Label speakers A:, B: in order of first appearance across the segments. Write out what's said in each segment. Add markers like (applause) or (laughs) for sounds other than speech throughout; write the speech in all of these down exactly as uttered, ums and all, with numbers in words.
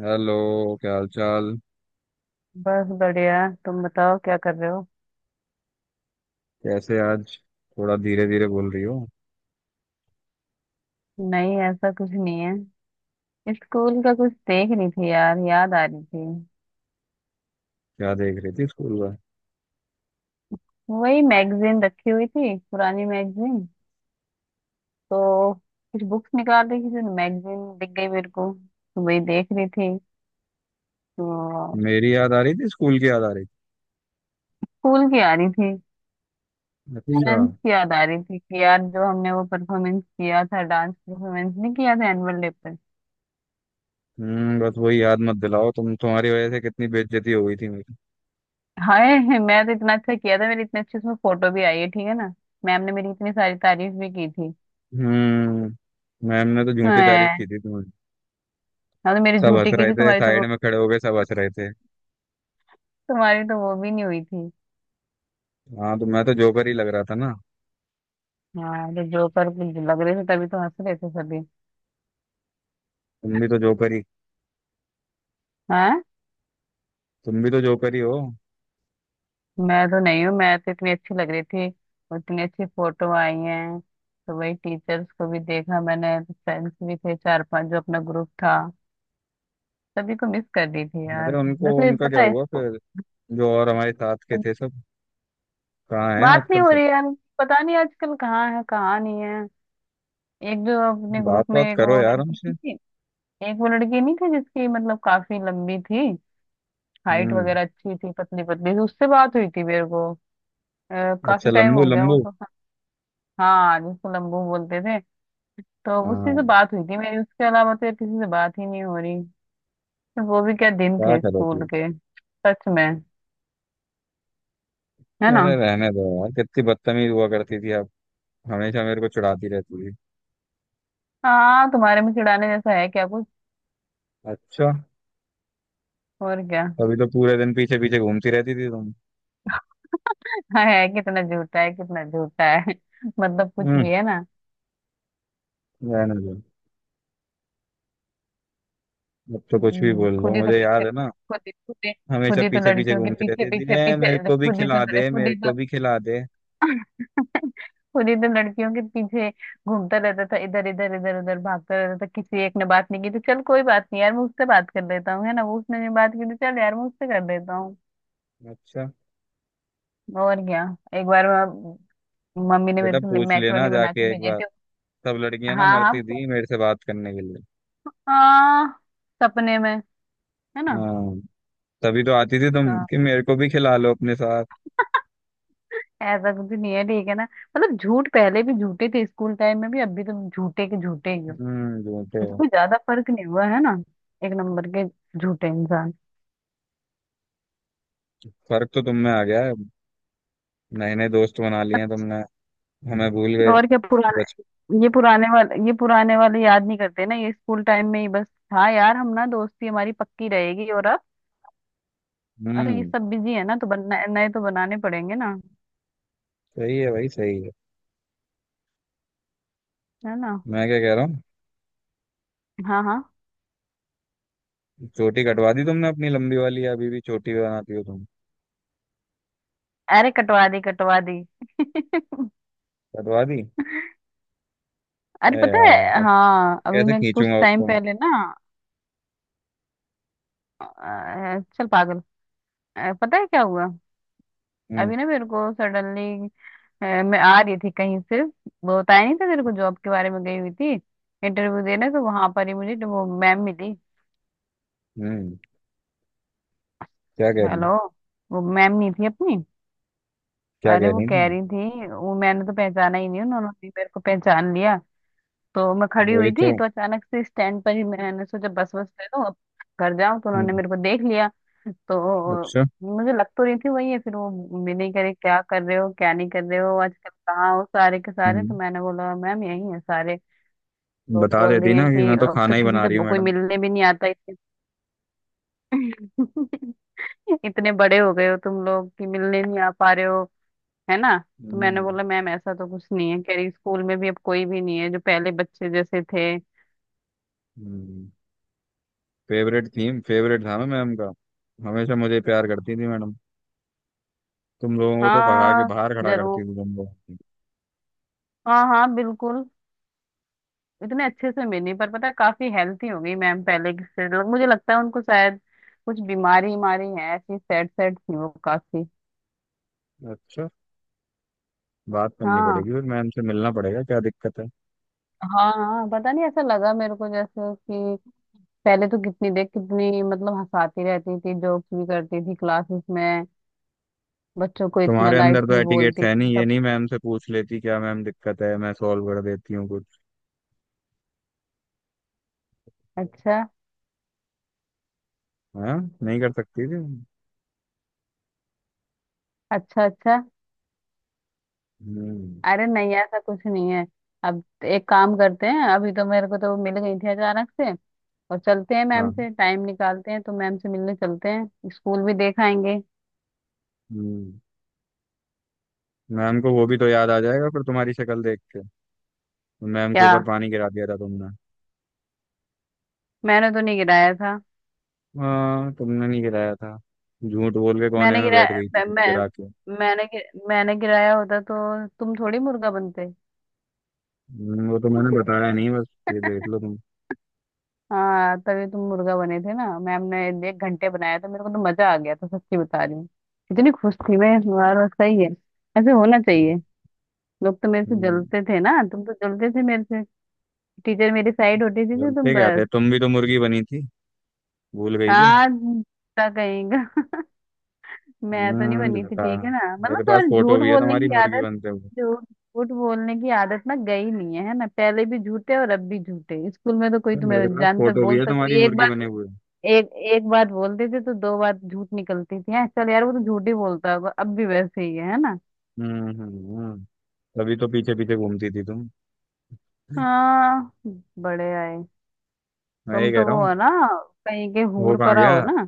A: Hello. क्या हाल चाल?
B: बस बढ़िया। तुम बताओ क्या कर रहे हो।
A: कैसे आज थोड़ा धीरे धीरे बोल रही हो?
B: नहीं, ऐसा कुछ नहीं है। स्कूल का कुछ देख रही थी यार, याद आ रही थी।
A: क्या देख रही थी स्कूल का?
B: वही मैगजीन रखी हुई थी, पुरानी मैगजीन। तो कुछ बुक्स निकाल रही थी तो मैगजीन दिख गई मेरे को, तो वही देख रही थी। तो
A: मेरी याद आ रही थी? स्कूल की याद आ रही
B: स्कूल की आ रही थी।
A: थी?
B: हम्म।
A: अच्छा।
B: डांस की याद आ रही थी कि यार जो हमने वो परफॉर्मेंस किया था, डांस परफॉर्मेंस नहीं किया था एनुअल डे पर।
A: हम्म बस वही याद मत दिलाओ तुम। तुम्हारी वजह से कितनी बेइज्जती हो गई थी मेरी।
B: हाय, मैं तो इतना अच्छा किया था, मेरी इतनी अच्छी उसमें फोटो भी आई है, ठीक है ना। मैम ने मेरी इतनी सारी तारीफ भी की थी।
A: हम्म मैम ने तो झूठी तारीफ
B: हैं?
A: की थी तुम्हारी।
B: हाँ, तो मेरी
A: सब हंस
B: झूठी की
A: रहे
B: थी,
A: थे,
B: तुम्हारी तो
A: साइड
B: वो,
A: में खड़े हो गए, सब हंस रहे थे।
B: तुम्हारी तो वो भी नहीं हुई थी।
A: हाँ तो मैं तो जोकर ही लग रहा था ना।
B: हाँ, तो जोकर लग रहे थे, तभी तो हंस रहे थे सभी।
A: तुम भी तो जोकर ही
B: हाँ,
A: तुम भी तो जोकर ही हो।
B: मैं तो नहीं हूँ, मैं तो इतनी अच्छी लग रही थी। और इतनी अच्छी फोटो आई है। तो वही टीचर्स को भी देखा मैंने, फ्रेंड्स भी थे चार पांच जो अपना ग्रुप था। सभी को मिस कर रही थी
A: अरे,
B: यार।
A: उनको
B: वैसे
A: उनका क्या
B: पता है
A: हुआ
B: इसको,
A: फिर? जो और हमारे साथ के थे सब, कहाँ हैं
B: बात नहीं
A: आजकल
B: हो
A: सब?
B: रही यार। पता नहीं आजकल कहाँ है कहाँ नहीं है। एक जो अपने
A: बात
B: ग्रुप में
A: बात
B: एक
A: करो
B: वो
A: यार
B: लड़की
A: हमसे।
B: नहीं थी, एक वो लड़की नहीं थी जिसकी मतलब काफी लंबी थी, हाइट
A: हम्म।
B: वगैरह अच्छी थी, पतली पतली थी, उससे बात हुई थी मेरे को। अ, काफी
A: अच्छा।
B: टाइम
A: लंबू
B: हो गया वो
A: लंबू?
B: तो। हाँ, जिसको लंबू बोलते थे, तो उसी से
A: हाँ।
B: बात हुई थी मेरी। उसके अलावा तो यार किसी से बात ही नहीं हो रही। पर वो भी क्या दिन
A: क्या
B: थे स्कूल
A: करोगी?
B: के, सच में। है ना।
A: अरे रहने दो यार, कितनी बदतमीज हुआ करती थी आप। हमेशा मेरे को चिढ़ाती रहती थी।
B: हाँ, तुम्हारे में चिढ़ाने जैसा है क्या कुछ।
A: अच्छा,
B: और क्या।
A: तभी तो
B: (laughs)
A: पूरे दिन पीछे पीछे घूमती रहती थी तुम।
B: हाँ, है, कितना झूठा है कितना झूठा है। (laughs) मतलब कुछ भी,
A: हम्म
B: है ना।
A: रहने दो, अब तो कुछ भी
B: हम्म,
A: बोल लो,
B: खुद ही तो
A: मुझे याद
B: पीछे
A: है ना।
B: खुद ही खुद ही
A: हमेशा
B: खुद ही तो
A: पीछे पीछे
B: लड़कियों के
A: घूमती
B: पीछे
A: रहती थी,
B: पीछे
A: ए, मेरे
B: पीछे
A: को भी
B: खुद ही
A: खिला
B: तो
A: दे,
B: खुद
A: मेरे
B: ही
A: को
B: तो
A: भी खिला दे।
B: पूरी दिन लड़कियों के पीछे घूमता रहता था, इधर इधर इधर उधर भागता रहता था, किसी एक ने बात नहीं की तो चल कोई बात नहीं यार मैं उससे बात कर लेता हूँ, है ना। वो उसने नहीं बात की तो चल यार मैं उससे कर लेता हूँ।
A: अच्छा,
B: और क्या। एक बार मैं- मम्मी ने
A: बेटा
B: मेरे से
A: पूछ लेना
B: मैक्रोनी बना
A: जाके
B: के
A: एक
B: भेजी
A: बार।
B: थी।
A: सब लड़कियां ना
B: हाँ हाँ।
A: मरती थी मेरे से बात करने के लिए।
B: हाँ। सपने में। है ना।
A: हाँ, तभी तो आती थी तुम
B: हाँ।
A: कि मेरे को भी खिला लो अपने साथ।
B: ऐसा कुछ नहीं है, ठीक है ना। मतलब झूठ पहले भी झूठे थे स्कूल टाइम में भी, अब भी तुम झूठे के झूठे ही हो।
A: हम्म झूठे
B: ऐसा
A: हो।
B: कोई ज्यादा फर्क नहीं हुआ, है ना। एक नंबर के झूठे इंसान।
A: फर्क तो तुम में आ गया है। नए नए दोस्त बना लिए हैं तुमने। हमें भूल गए।
B: और क्या,
A: बच।
B: पुराने ये पुराने वाले, ये पुराने वाले याद नहीं करते ना, ये स्कूल टाइम में ही बस। हाँ यार, हम ना दोस्ती हमारी पक्की रहेगी। और अब अब तो ये
A: हम्म
B: सब बिजी है ना, तो बनना नए नए तो बनाने पड़ेंगे ना।
A: सही है भाई, सही है।
B: है ना।
A: मैं क्या कह रहा हूँ,
B: हाँ हाँ।
A: चोटी कटवा दी तुमने अपनी लंबी वाली, या अभी भी चोटी बनाती हो तुम?
B: अरे, कटवा दी कटवा दी। (laughs)
A: कटवा दी?
B: अरे,
A: अरे
B: पता
A: यार,
B: है।
A: अब
B: हाँ,
A: तो
B: अभी
A: कैसे
B: मैं कुछ
A: खींचूंगा
B: टाइम
A: उसको मैं?
B: पहले ना, अ, चल पागल, अ, पता है क्या हुआ।
A: हम्म।
B: अभी ना मेरे को सडनली, मैं आ रही थी कहीं से, वो बताया नहीं था तेरे को जॉब के बारे में, गई हुई थी इंटरव्यू देने, तो वहां पर ही मुझे वो मैम मिली।
A: हम्म। क्या कह रही
B: हेलो। वो मैम नहीं थी अपनी।
A: क्या
B: अरे,
A: कह
B: वो
A: रही थी?
B: कह रही थी, वो मैंने तो पहचाना ही नहीं, उन्होंने भी मेरे को पहचान लिया। तो मैं खड़ी
A: वही
B: हुई थी
A: तो।
B: तो अचानक से स्टैंड पर ही मैंने सोचा बस, बस ले दो अब घर जाऊं, तो उन्होंने
A: हम्म।
B: मेरे को देख लिया। तो
A: अच्छा।
B: मुझे लग तो रही थी वही है, फिर वो भी नहीं, करे क्या कर रहे हो क्या नहीं कर रहे हो आजकल, कहाँ हो सारे के सारे। तो
A: हम्म
B: मैंने बोला मैम यही है सारे। तो
A: बता
B: बोल
A: देती
B: रही है
A: ना कि
B: कि
A: मैं तो
B: अब तो
A: खाना ही
B: किसी
A: बना
B: से
A: रही हूँ
B: कोई
A: मैडम।
B: मिलने भी नहीं आता, इतने (laughs) इतने बड़े हो गए हो तुम लोग कि मिलने नहीं आ पा रहे हो। है ना। तो मैंने
A: हम्म।
B: बोला मैम ऐसा तो कुछ नहीं है। कह रही स्कूल में भी अब कोई भी नहीं है जो पहले बच्चे जैसे थे।
A: हम्म। फेवरेट थीम फेवरेट था मैं मैम का। हमेशा मुझे प्यार करती थी मैडम। तुम लोगों को तो भगा के
B: हाँ,
A: बाहर खड़ा करती
B: जरूर।
A: थी तुम लोग।
B: हाँ हाँ, बिल्कुल। इतने अच्छे से मिली, पर पता है, काफी हेल्थी हो गई मैम पहले से। मुझे लगता है उनको शायद कुछ बीमारी बीमारी है ऐसी। सैड सैड थी वो काफी।
A: अच्छा, बात करनी
B: हाँ।
A: पड़ेगी फिर मैम से, मिलना पड़ेगा, क्या दिक्कत है।
B: हाँ हाँ, पता नहीं ऐसा लगा मेरे को जैसे कि पहले तो कितनी देर कितनी मतलब हंसाती रहती थी, जोक्स भी करती थी क्लासेस में, बच्चों को इतना
A: तुम्हारे अंदर तो
B: लाइटली
A: एटिकेट्स
B: बोलती थी
A: है नहीं, ये
B: सब।
A: नहीं मैम से पूछ लेती क्या मैम दिक्कत है, मैं सॉल्व कर देती हूँ कुछ।
B: अच्छा।
A: हाँ, नहीं कर सकती थी।
B: अच्छा अच्छा।
A: हम्म।
B: अरे नहीं, ऐसा कुछ नहीं है। अब एक काम करते हैं, अभी तो मेरे को तो मिल गई थी अचानक से, और चलते हैं मैम
A: हाँ।
B: से, टाइम निकालते हैं तो मैम से मिलने चलते हैं, स्कूल भी देख आएंगे।
A: हम्म। मैम को वो भी तो याद आ जाएगा फिर तुम्हारी शक्ल देख के। मैम के
B: क्या?
A: ऊपर पानी गिरा दिया था तुमने।
B: मैंने तो नहीं गिराया था।
A: हाँ, तुमने नहीं गिराया था। झूठ बोल के कोने
B: मैंने
A: में बैठ गई थी
B: गिराया?
A: तुम
B: मैं,
A: गिरा के।
B: मैंने गि- मैंने गिराया होता तो तुम थोड़ी मुर्गा बनते।
A: हम्म, वो तो मैंने बताया नहीं, बस ये देख लो तुम।
B: हाँ, तभी तुम मुर्गा बने थे ना। मैम ने एक घंटे बनाया था, मेरे को तो मजा आ गया था, सच्ची बता रही हूँ। इतनी खुश थी मैं इस बार। बस सही है, ऐसे होना चाहिए। लोग तो मेरे से
A: हम्म,
B: जलते थे ना, तुम तो जलते थे मेरे से। टीचर मेरी साइड होती थी, तो
A: बोलते क्या थे,
B: बस।
A: तुम भी तो मुर्गी बनी थी, भूल गई क्या?
B: हाँ, का कहेगा। (laughs) मैं तो नहीं
A: हम्म
B: बनी थी,
A: बता,
B: ठीक है ना।
A: मेरे
B: मतलब
A: पास
B: तुम्हारी
A: फोटो
B: झूठ
A: भी है
B: बोलने
A: तुम्हारी
B: की
A: मुर्गी
B: आदत,
A: बनते हुए।
B: झूठ झूठ बोलने की आदत ना गई नहीं है, है ना। पहले भी झूठे और अब भी झूठे। स्कूल में तो कोई
A: अरे, मेरे
B: तुम्हें
A: पास
B: जानता,
A: फोटो भी है
B: बोलता
A: तुम्हारी
B: कोई एक
A: मुर्गी बने
B: बात,
A: हुए।
B: एक एक बात बोलते थे तो दो बात झूठ निकलती थी। हैं, चल यार वो तो झूठ ही बोलता होगा अब भी वैसे ही है है ना।
A: हम्म। हम्म। हम्म। तभी तो पीछे पीछे घूमती थी तुम।
B: हाँ, बड़े आए।
A: मैं ये
B: तुम
A: कह
B: तो
A: रहा
B: वो
A: हूँ,
B: हो ना, कहीं के
A: वो
B: हूर
A: कहाँ
B: परा
A: गया?
B: हो ना।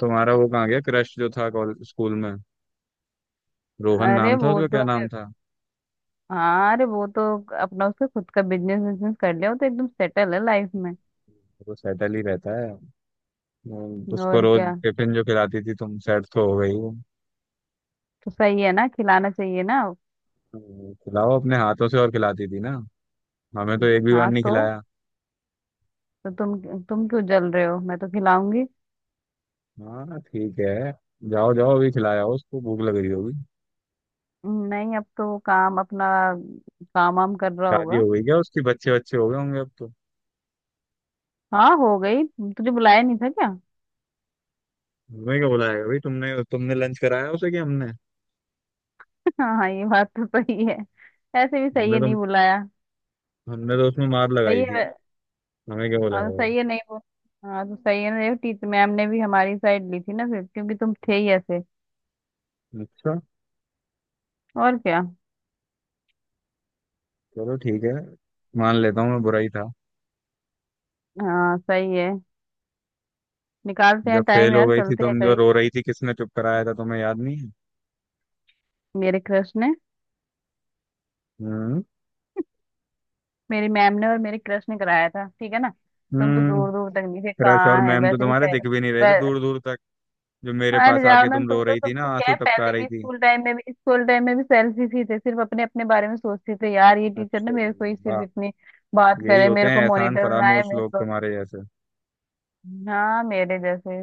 A: तुम्हारा वो कहाँ गया, क्रश जो था कॉल- स्कूल में? रोहन
B: अरे,
A: नाम था
B: वो
A: उसका,
B: तो,
A: क्या नाम था?
B: हाँ अरे वो तो अपना उसका खुद का बिजनेस बिजनेस कर लिया, वो तो एकदम सेटल है लाइफ में।
A: वो सेटल ही रहता है। हम्म, उसको
B: और
A: रोज
B: क्या,
A: टिफिन जो खिलाती थी तुम, सेट तो हो गई वो।
B: तो सही है ना, खिलाना चाहिए ना।
A: हम्म, खिलाओ अपने हाथों से, और खिलाती थी ना, हमें तो एक भी बार
B: हाँ
A: नहीं
B: तो,
A: खिलाया।
B: तो तुम तुम क्यों जल रहे हो, मैं तो खिलाऊंगी।
A: हाँ ठीक है, जाओ जाओ, अभी खिलाया उसको, भूख लग रही होगी।
B: नहीं अब तो वो काम अपना, काम वाम कर रहा
A: शादी
B: होगा।
A: हो गई क्या उसकी? बच्चे बच्चे हो गए होंगे अब तो।
B: हाँ, हो गई। तुझे बुलाया नहीं था क्या। (laughs)
A: तुम्हें क्या बुलाएगा भाई, तुमने तुमने लंच कराया उसे कि हमने?
B: हाँ हाँ, ये बात तो सही है। ऐसे भी सही
A: हमने
B: है,
A: तो
B: नहीं बुलाया।
A: हमने तो उसमें मार
B: सही
A: लगाई थी।
B: है।
A: हमें क्या
B: हाँ
A: बुलाया
B: तो
A: वो?
B: सही है, नहीं वो, हाँ तो सही है ना। देखो, टीचर मैम ने भी हमारी साइड ली थी ना फिर, क्योंकि तुम थे ही ऐसे।
A: अच्छा,
B: और क्या।
A: चलो ठीक है, मान लेता हूँ मैं बुरा ही था।
B: हाँ सही है, निकालते
A: जब
B: हैं
A: फेल
B: टाइम
A: हो
B: यार,
A: गई थी
B: चलते हैं
A: तुम, जो
B: कभी।
A: रो रही थी, किसने चुप कराया था तुम्हें, याद नहीं है?
B: मेरे क्रश ने,
A: हम्म।
B: मेरी मैम ने और मेरे क्रश ने कराया था, ठीक है ना। तुम तो
A: हम्म
B: दूर दूर तक नहीं थे।
A: क्रश और
B: कहाँ है
A: मैम तो
B: वैसे भी,
A: तुम्हारे
B: सेल,
A: दिख भी नहीं रहे थे
B: वै...
A: दूर दूर तक। जो मेरे
B: अरे
A: पास
B: जाओ
A: आके
B: ना।
A: तुम
B: तुम
A: रो
B: तो,
A: रही थी
B: तुम
A: ना,
B: तो क्या
A: आंसू
B: है,
A: टपका
B: पहले
A: रही
B: भी
A: थी।
B: स्कूल टाइम में भी, स्कूल टाइम में भी सेल्फिश ही थे। सिर्फ अपने अपने बारे में सोचते थे यार। ये टीचर ना
A: अच्छा जी,
B: मेरे को ही सिर्फ
A: वाह।
B: इतनी बात
A: यही
B: करे,
A: होते
B: मेरे
A: हैं
B: को
A: एहसान
B: मॉनिटर बनाए
A: फरामोश
B: मेरे
A: लोग
B: को।
A: तुम्हारे जैसे।
B: हाँ मेरे जैसे,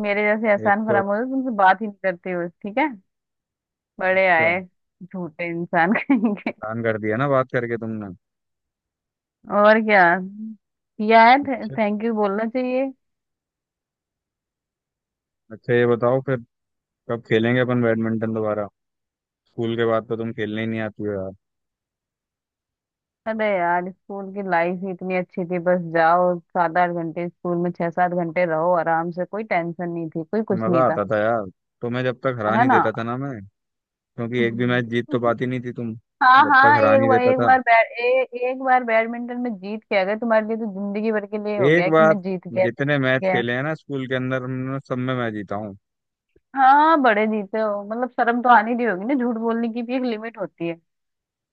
B: मेरे जैसे
A: एक
B: एहसान
A: तो,
B: फरामोश तुमसे बात ही नहीं करते हो, ठीक है। बड़े
A: अच्छा,
B: आए, झूठे इंसान। (laughs) कहीं के।
A: एहसान कर दिया ना बात करके तुमने।
B: और क्या, किया है,
A: अच्छा।
B: थैंक यू बोलना चाहिए।
A: अच्छा, ये बताओ फिर, कब खेलेंगे अपन बैडमिंटन दोबारा? स्कूल के बाद तो तुम खेलने ही नहीं आती हो यार।
B: अरे यार, स्कूल की लाइफ ही इतनी अच्छी थी। बस जाओ सात आठ घंटे स्कूल में, छह सात घंटे रहो आराम से, कोई टेंशन नहीं थी, कोई कुछ
A: मजा
B: नहीं था।
A: आता था यार, तुम्हें जब तक हरा
B: है
A: नहीं
B: ना।
A: देता था ना मैं। क्योंकि
B: (laughs)
A: एक भी
B: हम्म।
A: मैच जीत तो पाती नहीं थी तुम।
B: हाँ
A: जब तक
B: हाँ,
A: हरा
B: एक
A: नहीं
B: बार
A: देता
B: एक
A: था।
B: बार बै, ए, एक बार बैडमिंटन में जीत के आ गए तुम्हारे लिए, तो जिंदगी भर के लिए हो
A: एक
B: गया कि
A: बार?
B: मैं जीत गया मैं
A: जितने
B: जीत
A: मैच
B: गया।
A: खेले हैं ना स्कूल के अंदर हमने, सब में मैं जीता हूँ।
B: हाँ, बड़े जीते हो। मतलब शर्म तो आनी नहीं होगी ना, झूठ बोलने की भी एक लिमिट होती है,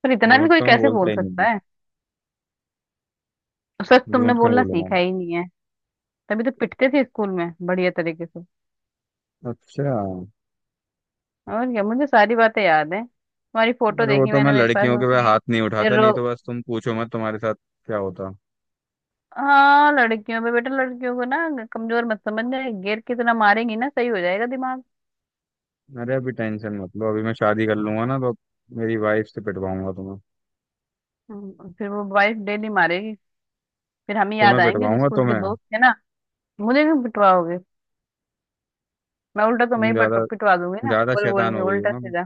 B: पर इतना भी
A: झूठ
B: कोई
A: तो मैं
B: कैसे
A: बोलता
B: बोल
A: ही
B: सकता
A: नहीं
B: है। उस वक्त
A: हूँ,
B: तुमने
A: झूठ क्यों
B: बोलना
A: बोलूंगा?
B: सीखा ही नहीं है। तभी तो पिटते थे स्कूल में बढ़िया तरीके से।
A: अच्छा।
B: और क्या, मुझे सारी बातें याद है। तुम्हारी फोटो
A: अरे वो
B: देखी
A: तो मैं
B: मैंने, मेरे पास
A: लड़कियों
B: वो
A: के, वह
B: थी।
A: हाथ नहीं उठाता,
B: रो
A: नहीं तो बस तुम पूछो मत तुम्हारे साथ क्या होता।
B: हाँ, लड़कियों पे, बेटा लड़कियों को ना कमजोर मत समझना, गिर कितना मारेंगी ना, सही हो जाएगा दिमाग।
A: अरे अभी टेंशन मत लो, अभी मैं शादी कर लूंगा ना तो मेरी वाइफ से पिटवाऊंगा तुम्हें।
B: हम्म, फिर वो वाइफ डेली मारेगी, फिर हम ही
A: तुम्हें
B: याद आएंगे जो
A: पिटवाऊंगा
B: स्कूल के
A: तुम्हें।
B: दोस्त थे ना। मुझे क्यों पिटवाओगे। मैं उल्टा, तो
A: तुम
B: मैं ही पट-
A: ज्यादा
B: पिटवा दूंगी ना
A: ज्यादा
B: बोल बोल
A: शैतान
B: के
A: हो गई हो
B: उल्टा
A: ना तुम।
B: सीधा।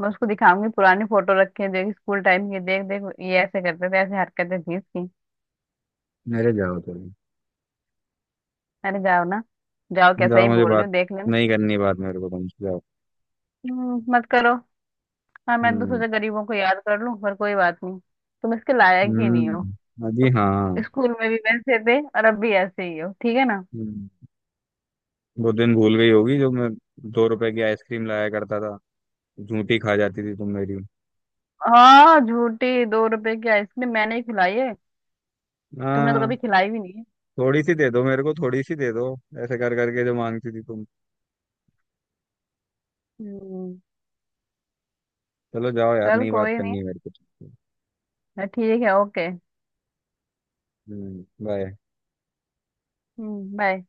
B: मैं उसको दिखाऊंगी पुरानी फोटो रखी है, देख स्कूल टाइम की, देख देख ये ऐसे करते थे, ऐसे हरकतें थी इसकी।
A: मेरे जाओ तुम।
B: अरे जाओ ना, जाओ कैसा
A: जाओ,
B: ही
A: मुझे
B: बोल रही
A: बात
B: हूँ, देख लेना।
A: नहीं करनी, बात मेरे को तुमसे, जाओ।
B: हम्म, मत करो। हाँ, मैं तो
A: हम्म।
B: सोचा गरीबों को याद कर लूं, पर कोई बात नहीं, तुम इसके लायक ही नहीं हो।
A: हम्म। हाँ जी। हाँ।
B: तुम स्कूल में भी वैसे थे और अब भी ऐसे ही हो, ठीक है ना।
A: हम्म, वो दिन भूल गई होगी, जो मैं दो रुपए की आइसक्रीम लाया करता था, झूठी खा जाती थी तुम मेरी।
B: हाँ, झूठी दो रुपए की आइसक्रीम मैंने ही खिलाई है, तुमने तो कभी
A: हाँ,
B: खिलाई भी नहीं है।
A: थोड़ी सी दे दो मेरे को, थोड़ी सी दे दो, ऐसे कर करके जो मांगती थी तुम।
B: हम्म
A: चलो जाओ यार,
B: चल
A: नहीं बात
B: कोई नहीं।
A: करनी मेरे को।
B: हाँ, ठीक है ओके।
A: हम्म बाय।
B: हम्म बाय।